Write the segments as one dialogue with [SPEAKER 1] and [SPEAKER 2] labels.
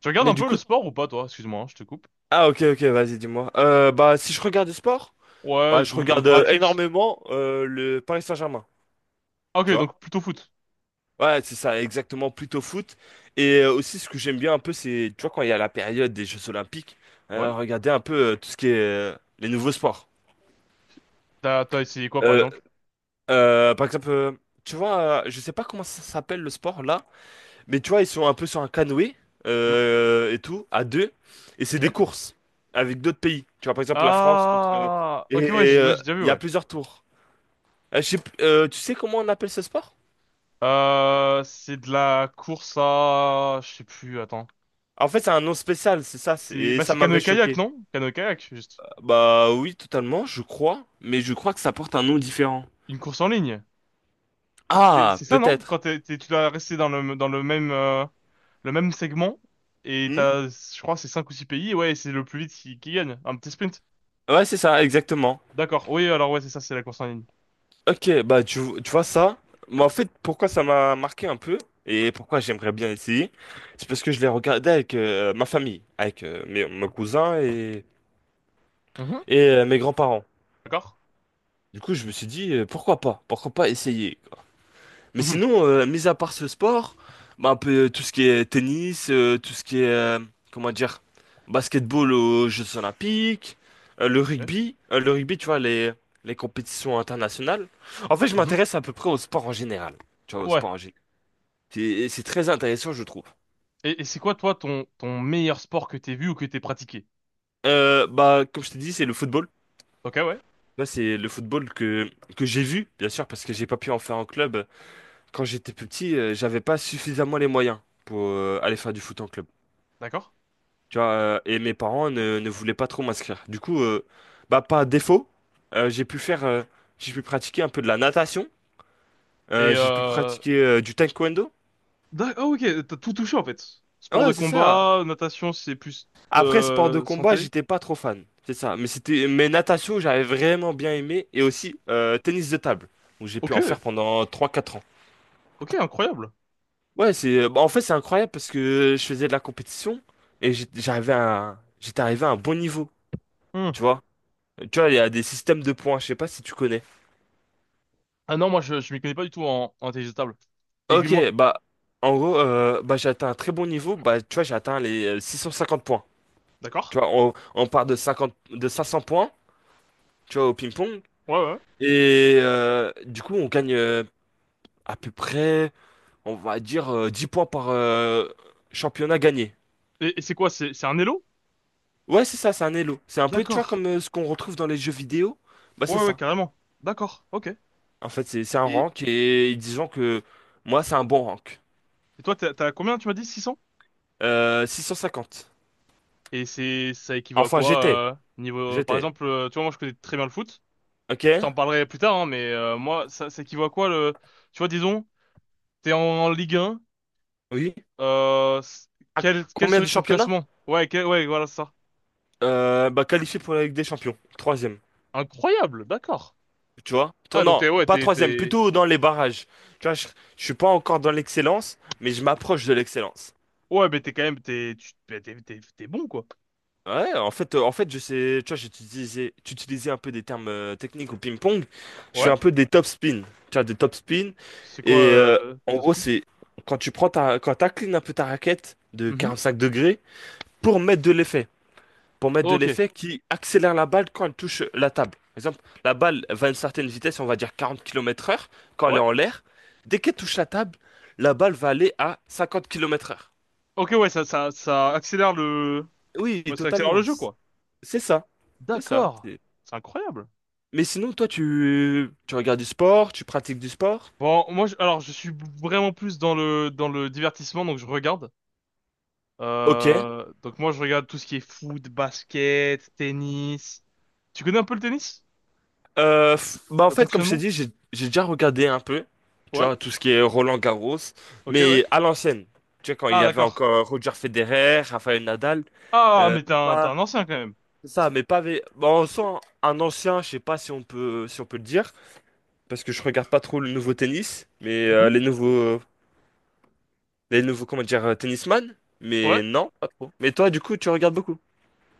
[SPEAKER 1] Tu regardes
[SPEAKER 2] Mais
[SPEAKER 1] un
[SPEAKER 2] du
[SPEAKER 1] peu le
[SPEAKER 2] coup,
[SPEAKER 1] sport ou pas, toi? Excuse-moi, hein, je te coupe.
[SPEAKER 2] ah ok ok vas-y dis-moi. Bah si je regarde du sport, bah
[SPEAKER 1] Ouais,
[SPEAKER 2] je
[SPEAKER 1] ou te
[SPEAKER 2] regarde
[SPEAKER 1] pratiques.
[SPEAKER 2] énormément le Paris Saint-Germain,
[SPEAKER 1] Ah, ok,
[SPEAKER 2] tu vois.
[SPEAKER 1] donc plutôt foot.
[SPEAKER 2] Ouais c'est ça exactement plutôt foot. Et aussi ce que j'aime bien un peu c'est tu vois quand il y a la période des Jeux Olympiques,
[SPEAKER 1] Ouais.
[SPEAKER 2] regarder un peu tout ce qui est les nouveaux sports.
[SPEAKER 1] T'as essayé quoi, par
[SPEAKER 2] Euh,
[SPEAKER 1] exemple?
[SPEAKER 2] par exemple, tu vois, je sais pas comment ça s'appelle le sport là, mais tu vois, ils sont un peu sur un canoë
[SPEAKER 1] Hmm.
[SPEAKER 2] et tout, à deux. Et c'est des
[SPEAKER 1] Ok.
[SPEAKER 2] courses avec d'autres pays. Tu vois, par exemple, la France contre,
[SPEAKER 1] Ah, ok, ouais,
[SPEAKER 2] et
[SPEAKER 1] j'ai ouais, j'ai déjà vu,
[SPEAKER 2] il y a
[SPEAKER 1] ouais.
[SPEAKER 2] plusieurs tours. Tu sais comment on appelle ce sport?
[SPEAKER 1] C'est de la course à, je sais plus, attends.
[SPEAKER 2] En fait, c'est un nom spécial, c'est ça.
[SPEAKER 1] C'est,
[SPEAKER 2] Et
[SPEAKER 1] bah,
[SPEAKER 2] ça
[SPEAKER 1] c'est
[SPEAKER 2] m'avait
[SPEAKER 1] canoë-kayak,
[SPEAKER 2] choqué.
[SPEAKER 1] non? Canoë-kayak, juste.
[SPEAKER 2] Bah oui, totalement, je crois. Mais je crois que ça porte un nom différent.
[SPEAKER 1] Une course en ligne.
[SPEAKER 2] Ah,
[SPEAKER 1] C'est ça, non?
[SPEAKER 2] peut-être.
[SPEAKER 1] Quand tu dois rester dans le même, le même segment. Et
[SPEAKER 2] Hmm.
[SPEAKER 1] t'as, je crois, c'est cinq ou six pays. Ouais, et c'est le plus vite qui gagne. Un petit sprint.
[SPEAKER 2] Ouais, c'est ça, exactement.
[SPEAKER 1] D'accord. Oui, alors ouais, c'est ça, c'est la course en ligne.
[SPEAKER 2] Ok, bah tu vois ça, moi en fait pourquoi ça m'a marqué un peu et pourquoi j'aimerais bien essayer, c'est parce que je l'ai regardé avec ma famille, avec mes cousins et,
[SPEAKER 1] Mhm.
[SPEAKER 2] mes grands-parents.
[SPEAKER 1] D'accord.
[SPEAKER 2] Du coup je me suis dit pourquoi pas essayer. Mais
[SPEAKER 1] Mhm.
[SPEAKER 2] sinon, mis à part ce sport, bah, un peu tout ce qui est tennis, tout ce qui est, comment dire, basketball aux Jeux Olympiques,
[SPEAKER 1] Ok.
[SPEAKER 2] le rugby, tu vois, les compétitions internationales. En fait, je
[SPEAKER 1] Mhm.
[SPEAKER 2] m'intéresse à peu près au sport en général. Tu vois, au
[SPEAKER 1] Ouais.
[SPEAKER 2] sport en général. C'est très intéressant, je trouve.
[SPEAKER 1] Et c'est quoi, toi, ton meilleur sport que t'aies vu ou que t'aies pratiqué?
[SPEAKER 2] Bah, comme je t'ai dit, c'est le football.
[SPEAKER 1] Ok, ouais.
[SPEAKER 2] Là, c'est le football que j'ai vu, bien sûr, parce que j'ai pas pu en faire en club. Quand j'étais plus petit, j'avais pas suffisamment les moyens pour aller faire du foot en club.
[SPEAKER 1] D'accord.
[SPEAKER 2] Tu vois, et mes parents ne voulaient pas trop m'inscrire. Du coup, bah, pas défaut, euh, j'ai pu faire, euh, j'ai pu pratiquer un peu de la natation,
[SPEAKER 1] Et,
[SPEAKER 2] j'ai pu
[SPEAKER 1] euh...
[SPEAKER 2] pratiquer du taekwondo.
[SPEAKER 1] Ah, ok, t'as tout touché, en fait. Sport de
[SPEAKER 2] Ouais, c'est ça.
[SPEAKER 1] combat, natation, c'est plus,
[SPEAKER 2] Après, sport de combat,
[SPEAKER 1] santé.
[SPEAKER 2] j'étais pas trop fan. C'est ça. Mais natation, j'avais vraiment bien aimé. Et aussi, tennis de table, où j'ai pu
[SPEAKER 1] Ok.
[SPEAKER 2] en faire pendant trois quatre ans.
[SPEAKER 1] Ok, incroyable.
[SPEAKER 2] Ouais, bah, en fait, c'est incroyable parce que je faisais de la compétition et j'étais arrivé à un bon niveau.
[SPEAKER 1] Hmm.
[SPEAKER 2] Tu vois. Tu vois, il y a des systèmes de points, je sais pas si tu connais.
[SPEAKER 1] Ah non, moi, je m'y connais pas du tout en, en intelligence table.
[SPEAKER 2] Ok,
[SPEAKER 1] Aiguille-moi.
[SPEAKER 2] bah, en gros, bah, j'ai atteint un très bon niveau. Bah, tu vois, j'ai atteint les 650 points.
[SPEAKER 1] D'accord.
[SPEAKER 2] Tu vois, on part de 50 de 500 points, tu vois, au ping-pong.
[SPEAKER 1] Ouais, ouais.
[SPEAKER 2] Et du coup, on gagne à peu près, on va dire, 10 points par championnat gagné.
[SPEAKER 1] Et c'est quoi? C'est un élo?
[SPEAKER 2] Ouais, c'est ça, c'est un elo. C'est un peu, tu vois,
[SPEAKER 1] D'accord.
[SPEAKER 2] comme ce qu'on retrouve dans les jeux vidéo. Bah, c'est
[SPEAKER 1] Ouais, ouais,
[SPEAKER 2] ça.
[SPEAKER 1] carrément. D'accord. Ok.
[SPEAKER 2] En fait, c'est un
[SPEAKER 1] Et,
[SPEAKER 2] rank et disons que moi, c'est un bon rank.
[SPEAKER 1] et toi, t'as combien, tu m'as dit? Six.
[SPEAKER 2] 650.
[SPEAKER 1] Et c'est, ça équivaut à
[SPEAKER 2] Enfin,
[SPEAKER 1] quoi,
[SPEAKER 2] j'étais.
[SPEAKER 1] niveau, par
[SPEAKER 2] J'étais.
[SPEAKER 1] exemple, tu vois, moi, je connais très bien le foot. Je
[SPEAKER 2] Ok?
[SPEAKER 1] t'en parlerai plus tard, hein, mais, moi, ça équivaut à quoi, le, tu vois, disons, t'es en, en Ligue 1,
[SPEAKER 2] Oui?
[SPEAKER 1] euh, s-
[SPEAKER 2] À
[SPEAKER 1] quel, quel
[SPEAKER 2] combien
[SPEAKER 1] serait
[SPEAKER 2] de
[SPEAKER 1] ton
[SPEAKER 2] championnats?
[SPEAKER 1] classement? Ouais, voilà, c'est ça.
[SPEAKER 2] Bah, qualifié pour la Ligue des Champions. Troisième.
[SPEAKER 1] Incroyable, d'accord.
[SPEAKER 2] Tu vois?
[SPEAKER 1] Ah, donc
[SPEAKER 2] Non,
[SPEAKER 1] t'es, ouais,
[SPEAKER 2] pas troisième, plutôt dans les barrages. Tu vois, je suis pas encore dans l'excellence, mais je m'approche de l'excellence.
[SPEAKER 1] ouais, mais t'es quand même, t'es, tu, t'es, t'es, t'es- t'es bon, quoi.
[SPEAKER 2] Ouais, en fait, je sais, tu vois, j'utilisais un peu des termes techniques au ping-pong. Je fais
[SPEAKER 1] Ouais.
[SPEAKER 2] un peu des top spin. Tu vois, des top spin.
[SPEAKER 1] C'est quoi,
[SPEAKER 2] Et en gros,
[SPEAKER 1] Topspin?
[SPEAKER 2] c'est quand t'inclines un peu ta raquette de
[SPEAKER 1] Mhm.
[SPEAKER 2] 45 degrés pour mettre de l'effet. pour mettre de
[SPEAKER 1] Ok.
[SPEAKER 2] l'effet qui accélère la balle quand elle touche la table. Par exemple, la balle va à une certaine vitesse, on va dire 40 km/h, quand elle est
[SPEAKER 1] Ouais.
[SPEAKER 2] en l'air. Dès qu'elle touche la table, la balle va aller à 50 km/h.
[SPEAKER 1] Ok, ouais, ça accélère le,
[SPEAKER 2] Oui,
[SPEAKER 1] ouais, ça accélère le
[SPEAKER 2] totalement.
[SPEAKER 1] jeu, quoi.
[SPEAKER 2] C'est ça. C'est ça.
[SPEAKER 1] D'accord. C'est incroyable.
[SPEAKER 2] Mais sinon, toi, tu regardes du sport, tu pratiques du sport?
[SPEAKER 1] Bon, alors, je suis vraiment plus dans le divertissement, donc je regarde.
[SPEAKER 2] Ok.
[SPEAKER 1] Donc moi, je regarde tout ce qui est foot, basket, tennis. Tu connais un peu le tennis?
[SPEAKER 2] Bah en
[SPEAKER 1] Le
[SPEAKER 2] fait, comme je t'ai
[SPEAKER 1] fonctionnement?
[SPEAKER 2] dit, j'ai déjà regardé un peu, tu
[SPEAKER 1] Ouais.
[SPEAKER 2] vois, tout ce qui est Roland-Garros,
[SPEAKER 1] Ok, ouais.
[SPEAKER 2] mais à l'ancienne. Tu vois, quand il
[SPEAKER 1] Ah,
[SPEAKER 2] y avait
[SPEAKER 1] d'accord.
[SPEAKER 2] encore Roger Federer, Rafael Nadal,
[SPEAKER 1] Ah,
[SPEAKER 2] euh,
[SPEAKER 1] mais t'es un t'es
[SPEAKER 2] pas-
[SPEAKER 1] un ancien quand même.
[SPEAKER 2] c'est ça, mais pas. Vé- bon, on sent un ancien, je sais pas si on peut, le dire, parce que je regarde pas trop le nouveau tennis, mais
[SPEAKER 1] Oui.
[SPEAKER 2] les nouveaux, comment dire, tennisman,
[SPEAKER 1] Ouais.
[SPEAKER 2] mais non, pas trop. Mais toi, du coup, tu regardes beaucoup.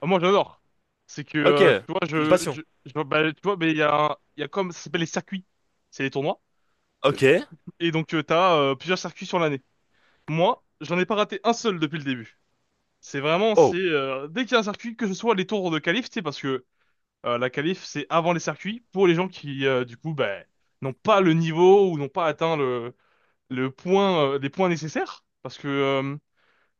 [SPEAKER 1] Ah, moi, j'adore. C'est que
[SPEAKER 2] Ok, c'est
[SPEAKER 1] tu vois,
[SPEAKER 2] une
[SPEAKER 1] je
[SPEAKER 2] passion.
[SPEAKER 1] je, je bah, tu vois, mais il y a il y a comme ça s'appelle les circuits. C'est les tournois.
[SPEAKER 2] Ok.
[SPEAKER 1] Et donc, t'as plusieurs circuits sur l'année. Moi, j'en ai pas raté un seul depuis le début. C'est vraiment, c'est
[SPEAKER 2] Oh,
[SPEAKER 1] dès qu'il y a un circuit, que ce soit les tours de qualif, tu sais, parce que la qualif, c'est avant les circuits, pour les gens qui, du coup, ben, n'ont pas le niveau ou n'ont pas atteint le point, les points nécessaires. Parce que,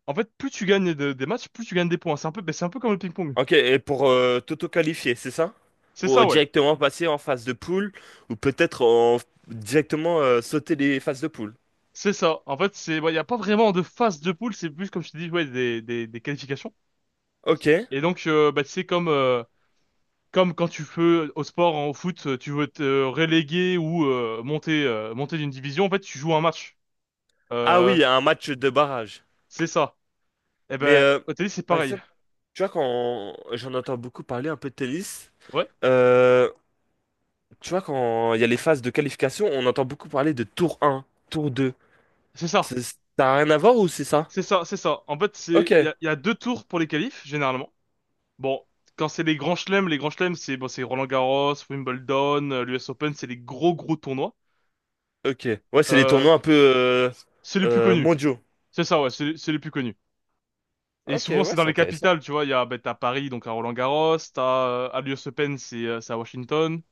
[SPEAKER 1] en fait, plus tu gagnes des matchs, plus tu gagnes des points. C'est un peu, ben, c'est un peu comme le ping-pong.
[SPEAKER 2] ok. Et pour t'auto-qualifier, c'est ça?
[SPEAKER 1] C'est
[SPEAKER 2] Pour
[SPEAKER 1] ça, ouais.
[SPEAKER 2] directement passer en phase de poule, ou peut-être en, directement sauter les phases de poule.
[SPEAKER 1] C'est ça. En fait, c'est, ouais, il n'y a pas vraiment de phase de poule, c'est plus, comme je te dis, ouais, des qualifications.
[SPEAKER 2] Ok.
[SPEAKER 1] Et donc, bah, c'est comme, comme quand tu fais au sport, en foot, tu veux te reléguer ou monter, monter d'une division, en fait, tu joues un match.
[SPEAKER 2] Ah
[SPEAKER 1] Euh,
[SPEAKER 2] oui, un match de barrage.
[SPEAKER 1] c'est ça. Eh
[SPEAKER 2] Mais
[SPEAKER 1] ben, au tennis, c'est
[SPEAKER 2] par tu
[SPEAKER 1] pareil.
[SPEAKER 2] vois, quand j'en entends beaucoup parler un peu de tennis,
[SPEAKER 1] Ouais,
[SPEAKER 2] euh, tu vois, quand il y a les phases de qualification, on entend beaucoup parler de tour un, tour 2.
[SPEAKER 1] c'est ça.
[SPEAKER 2] Ça n'a rien à voir ou c'est ça?
[SPEAKER 1] C'est ça. En fait,
[SPEAKER 2] Ok,
[SPEAKER 1] c'est, il y a deux tours pour les qualifs, généralement. Bon, quand c'est les grands chelems, c'est bon, c'est Roland-Garros, Wimbledon, l'US Open, c'est les gros tournois.
[SPEAKER 2] ok. Ouais, c'est les
[SPEAKER 1] Euh,
[SPEAKER 2] tournois un peu
[SPEAKER 1] c'est les plus connus.
[SPEAKER 2] mondiaux.
[SPEAKER 1] C'est ça, ouais, c'est les plus connus. Et
[SPEAKER 2] Ok,
[SPEAKER 1] souvent, c'est
[SPEAKER 2] ouais,
[SPEAKER 1] dans
[SPEAKER 2] c'est
[SPEAKER 1] les
[SPEAKER 2] intéressant.
[SPEAKER 1] capitales, tu vois. Il y a, ben, t'as Paris, donc à Roland-Garros, t'as, à l'US Open, c'est à Washington.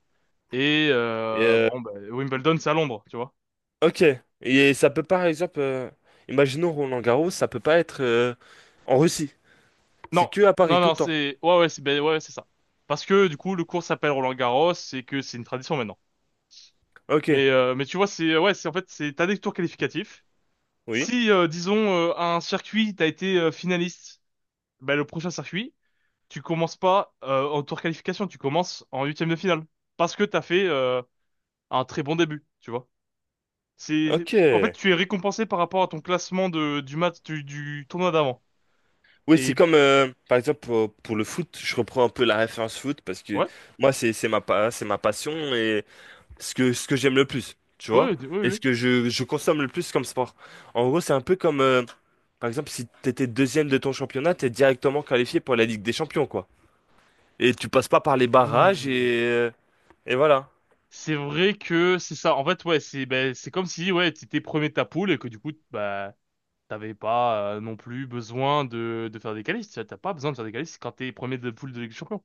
[SPEAKER 1] Et
[SPEAKER 2] Et,
[SPEAKER 1] bon, bah, Wimbledon, c'est à Londres, tu vois.
[SPEAKER 2] ok. Et ça peut pas, par exemple, imaginons Roland-Garros, ça peut pas être en Russie. C'est
[SPEAKER 1] Non,
[SPEAKER 2] que à Paris
[SPEAKER 1] non,
[SPEAKER 2] tout
[SPEAKER 1] non,
[SPEAKER 2] le temps.
[SPEAKER 1] C'est ben, ouais, c'est ça. Parce que du coup, le cours s'appelle Roland-Garros et que c'est une tradition maintenant.
[SPEAKER 2] Ok,
[SPEAKER 1] Mais tu vois, ouais, c'est en fait, c'est... t'as des tours qualificatifs.
[SPEAKER 2] oui.
[SPEAKER 1] Si, disons, un circuit, t'as été finaliste, ben, le prochain circuit, tu commences pas en tour qualification, tu commences en huitième de finale. Parce que t'as fait un très bon début, tu vois.
[SPEAKER 2] Ok.
[SPEAKER 1] En fait, tu es récompensé par rapport à ton classement de, du tournoi d'avant.
[SPEAKER 2] Oui,
[SPEAKER 1] Et...
[SPEAKER 2] c'est comme, par exemple, pour le foot, je reprends un peu la référence foot parce que
[SPEAKER 1] ouais.
[SPEAKER 2] moi, c'est ma passion et ce que j'aime le plus, tu vois?
[SPEAKER 1] Oui, oui,
[SPEAKER 2] Et ce
[SPEAKER 1] oui.
[SPEAKER 2] que je consomme le plus comme sport. En gros, c'est un peu comme, par exemple, si t'étais deuxième de ton championnat, t'es directement qualifié pour la Ligue des Champions, quoi. Et tu passes pas par les barrages
[SPEAKER 1] Hmm.
[SPEAKER 2] et voilà.
[SPEAKER 1] C'est vrai que c'est ça. En fait, ouais, c'est ben, c'est comme si ouais, t'étais premier de ta poule et que du coup, bah, t'avais pas non plus besoin de faire des qualifs. Tu T'as pas besoin de faire des qualifs quand t'es premier de poule de Ligue des Champions.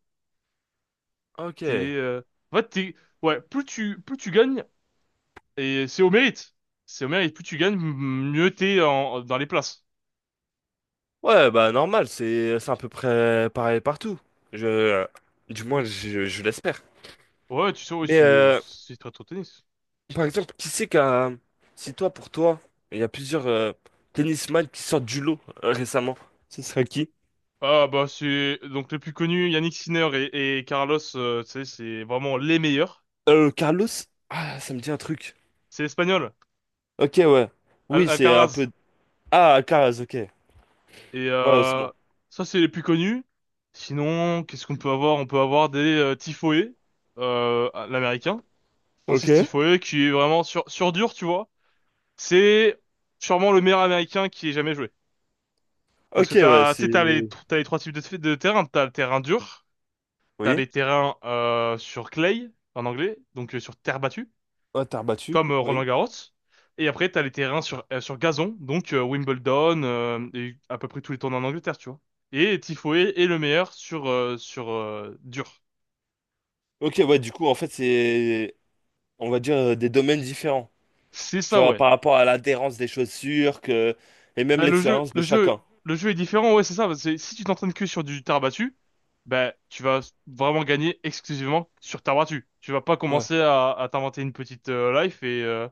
[SPEAKER 1] T'es,
[SPEAKER 2] Ok.
[SPEAKER 1] en fait, t'es, ouais, plus tu gagnes et c'est au mérite. C'est au mérite. Plus tu gagnes, mieux t'es en, dans les places.
[SPEAKER 2] Ouais, bah normal, c'est à peu près pareil partout. Je, du moins, je l'espère.
[SPEAKER 1] Ouais, tu sais, ouais,
[SPEAKER 2] Mais
[SPEAKER 1] c'est c'est très trop tennis.
[SPEAKER 2] par exemple, qui c'est qu'un. Si toi, pour toi, il y a plusieurs tennisman qui sortent du lot récemment, ce serait qui?
[SPEAKER 1] Ah bah c'est donc les plus connus, Yannick Sinner et Carlos, tu sais, c'est vraiment les meilleurs.
[SPEAKER 2] Carlos? Ah, ça me dit un truc.
[SPEAKER 1] C'est espagnol,
[SPEAKER 2] Ok, ouais. Oui, c'est un
[SPEAKER 1] Alcaraz.
[SPEAKER 2] peu. Ah, Alcaraz, ok.
[SPEAKER 1] Et
[SPEAKER 2] Ouais, c'est bon.
[SPEAKER 1] ça, c'est les plus connus. Sinon, qu'est-ce qu'on peut avoir? On peut avoir des Tifoé, l'américain,
[SPEAKER 2] Ok.
[SPEAKER 1] Francis Tifoé, qui est vraiment sur dur, tu vois. C'est sûrement le meilleur américain qui ait jamais joué. Parce
[SPEAKER 2] Ok,
[SPEAKER 1] que
[SPEAKER 2] ouais,
[SPEAKER 1] t'as, tu
[SPEAKER 2] c'est.
[SPEAKER 1] sais, t'as les trois types de terrain. T'as le terrain dur, t'as
[SPEAKER 2] Oui.
[SPEAKER 1] les terrains sur clay, en anglais, donc sur terre battue.
[SPEAKER 2] Ouais, t'as rebattu.
[SPEAKER 1] Comme
[SPEAKER 2] Oui.
[SPEAKER 1] Roland-Garros. Et après, t'as les terrains sur, sur gazon, donc Wimbledon et à peu près tous les tournois en Angleterre, tu vois. Et Tifoé est le meilleur sur, sur dur.
[SPEAKER 2] Ok, ouais, du coup, en fait, c'est. On va dire des domaines différents.
[SPEAKER 1] C'est
[SPEAKER 2] Tu
[SPEAKER 1] ça,
[SPEAKER 2] vois,
[SPEAKER 1] ouais.
[SPEAKER 2] par rapport à l'adhérence des chaussures que, et même
[SPEAKER 1] Bah, le jeu,
[SPEAKER 2] l'expérience de
[SPEAKER 1] le jeu,
[SPEAKER 2] chacun.
[SPEAKER 1] le jeu est différent, ouais, c'est ça. C'est, si tu t'entraînes que sur du terre battue, bah, tu vas vraiment gagner exclusivement sur terre battue. Tu vas pas
[SPEAKER 2] Ouais.
[SPEAKER 1] commencer à t'inventer une petite life et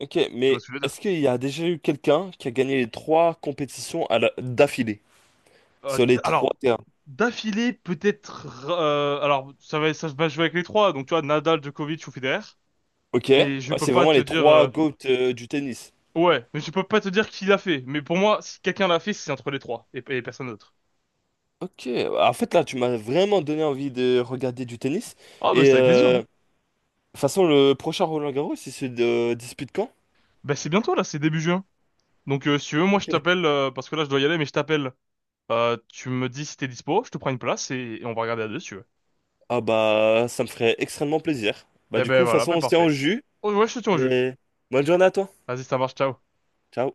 [SPEAKER 2] Ok,
[SPEAKER 1] tu vas
[SPEAKER 2] mais
[SPEAKER 1] soulever.
[SPEAKER 2] est-ce qu'il y a déjà eu quelqu'un qui a gagné les trois compétitions d'affilée sur les trois
[SPEAKER 1] Alors,
[SPEAKER 2] terrains?
[SPEAKER 1] d'affilée, peut-être. Euh, alors, ça va jouer avec les trois. Donc, tu vois, Nadal, Djokovic ou Federer.
[SPEAKER 2] Ok, ouais,
[SPEAKER 1] Mais je peux
[SPEAKER 2] c'est
[SPEAKER 1] pas
[SPEAKER 2] vraiment
[SPEAKER 1] te
[SPEAKER 2] les
[SPEAKER 1] dire.
[SPEAKER 2] trois
[SPEAKER 1] Euh,
[SPEAKER 2] GOAT du tennis.
[SPEAKER 1] ouais, mais je peux pas te dire qui l'a fait. Mais pour moi, si quelqu'un l'a fait, c'est entre les trois et personne d'autre.
[SPEAKER 2] Ok, en fait là, tu m'as vraiment donné envie de regarder du tennis.
[SPEAKER 1] Ah, bah,
[SPEAKER 2] Et
[SPEAKER 1] c'est avec plaisir, hein.
[SPEAKER 2] de toute façon, le prochain Roland Garros, il se dispute quand?
[SPEAKER 1] Bah, c'est bientôt là, c'est début juin. Donc, si tu veux, moi, je
[SPEAKER 2] Ok.
[SPEAKER 1] t'appelle. Euh, parce que là, je dois y aller, mais je t'appelle. Tu me dis si t'es dispo, je te prends une place et on va regarder à deux, si tu veux.
[SPEAKER 2] Ah bah, ça me ferait extrêmement plaisir. Bah
[SPEAKER 1] Eh
[SPEAKER 2] du
[SPEAKER 1] ben
[SPEAKER 2] coup, de toute
[SPEAKER 1] voilà,
[SPEAKER 2] façon,
[SPEAKER 1] ben
[SPEAKER 2] on se tient au
[SPEAKER 1] parfait.
[SPEAKER 2] jus.
[SPEAKER 1] Oh, ouais, je te tiens au jeu.
[SPEAKER 2] Et bonne journée à toi.
[SPEAKER 1] Vas-y, ça marche, ciao.
[SPEAKER 2] Ciao.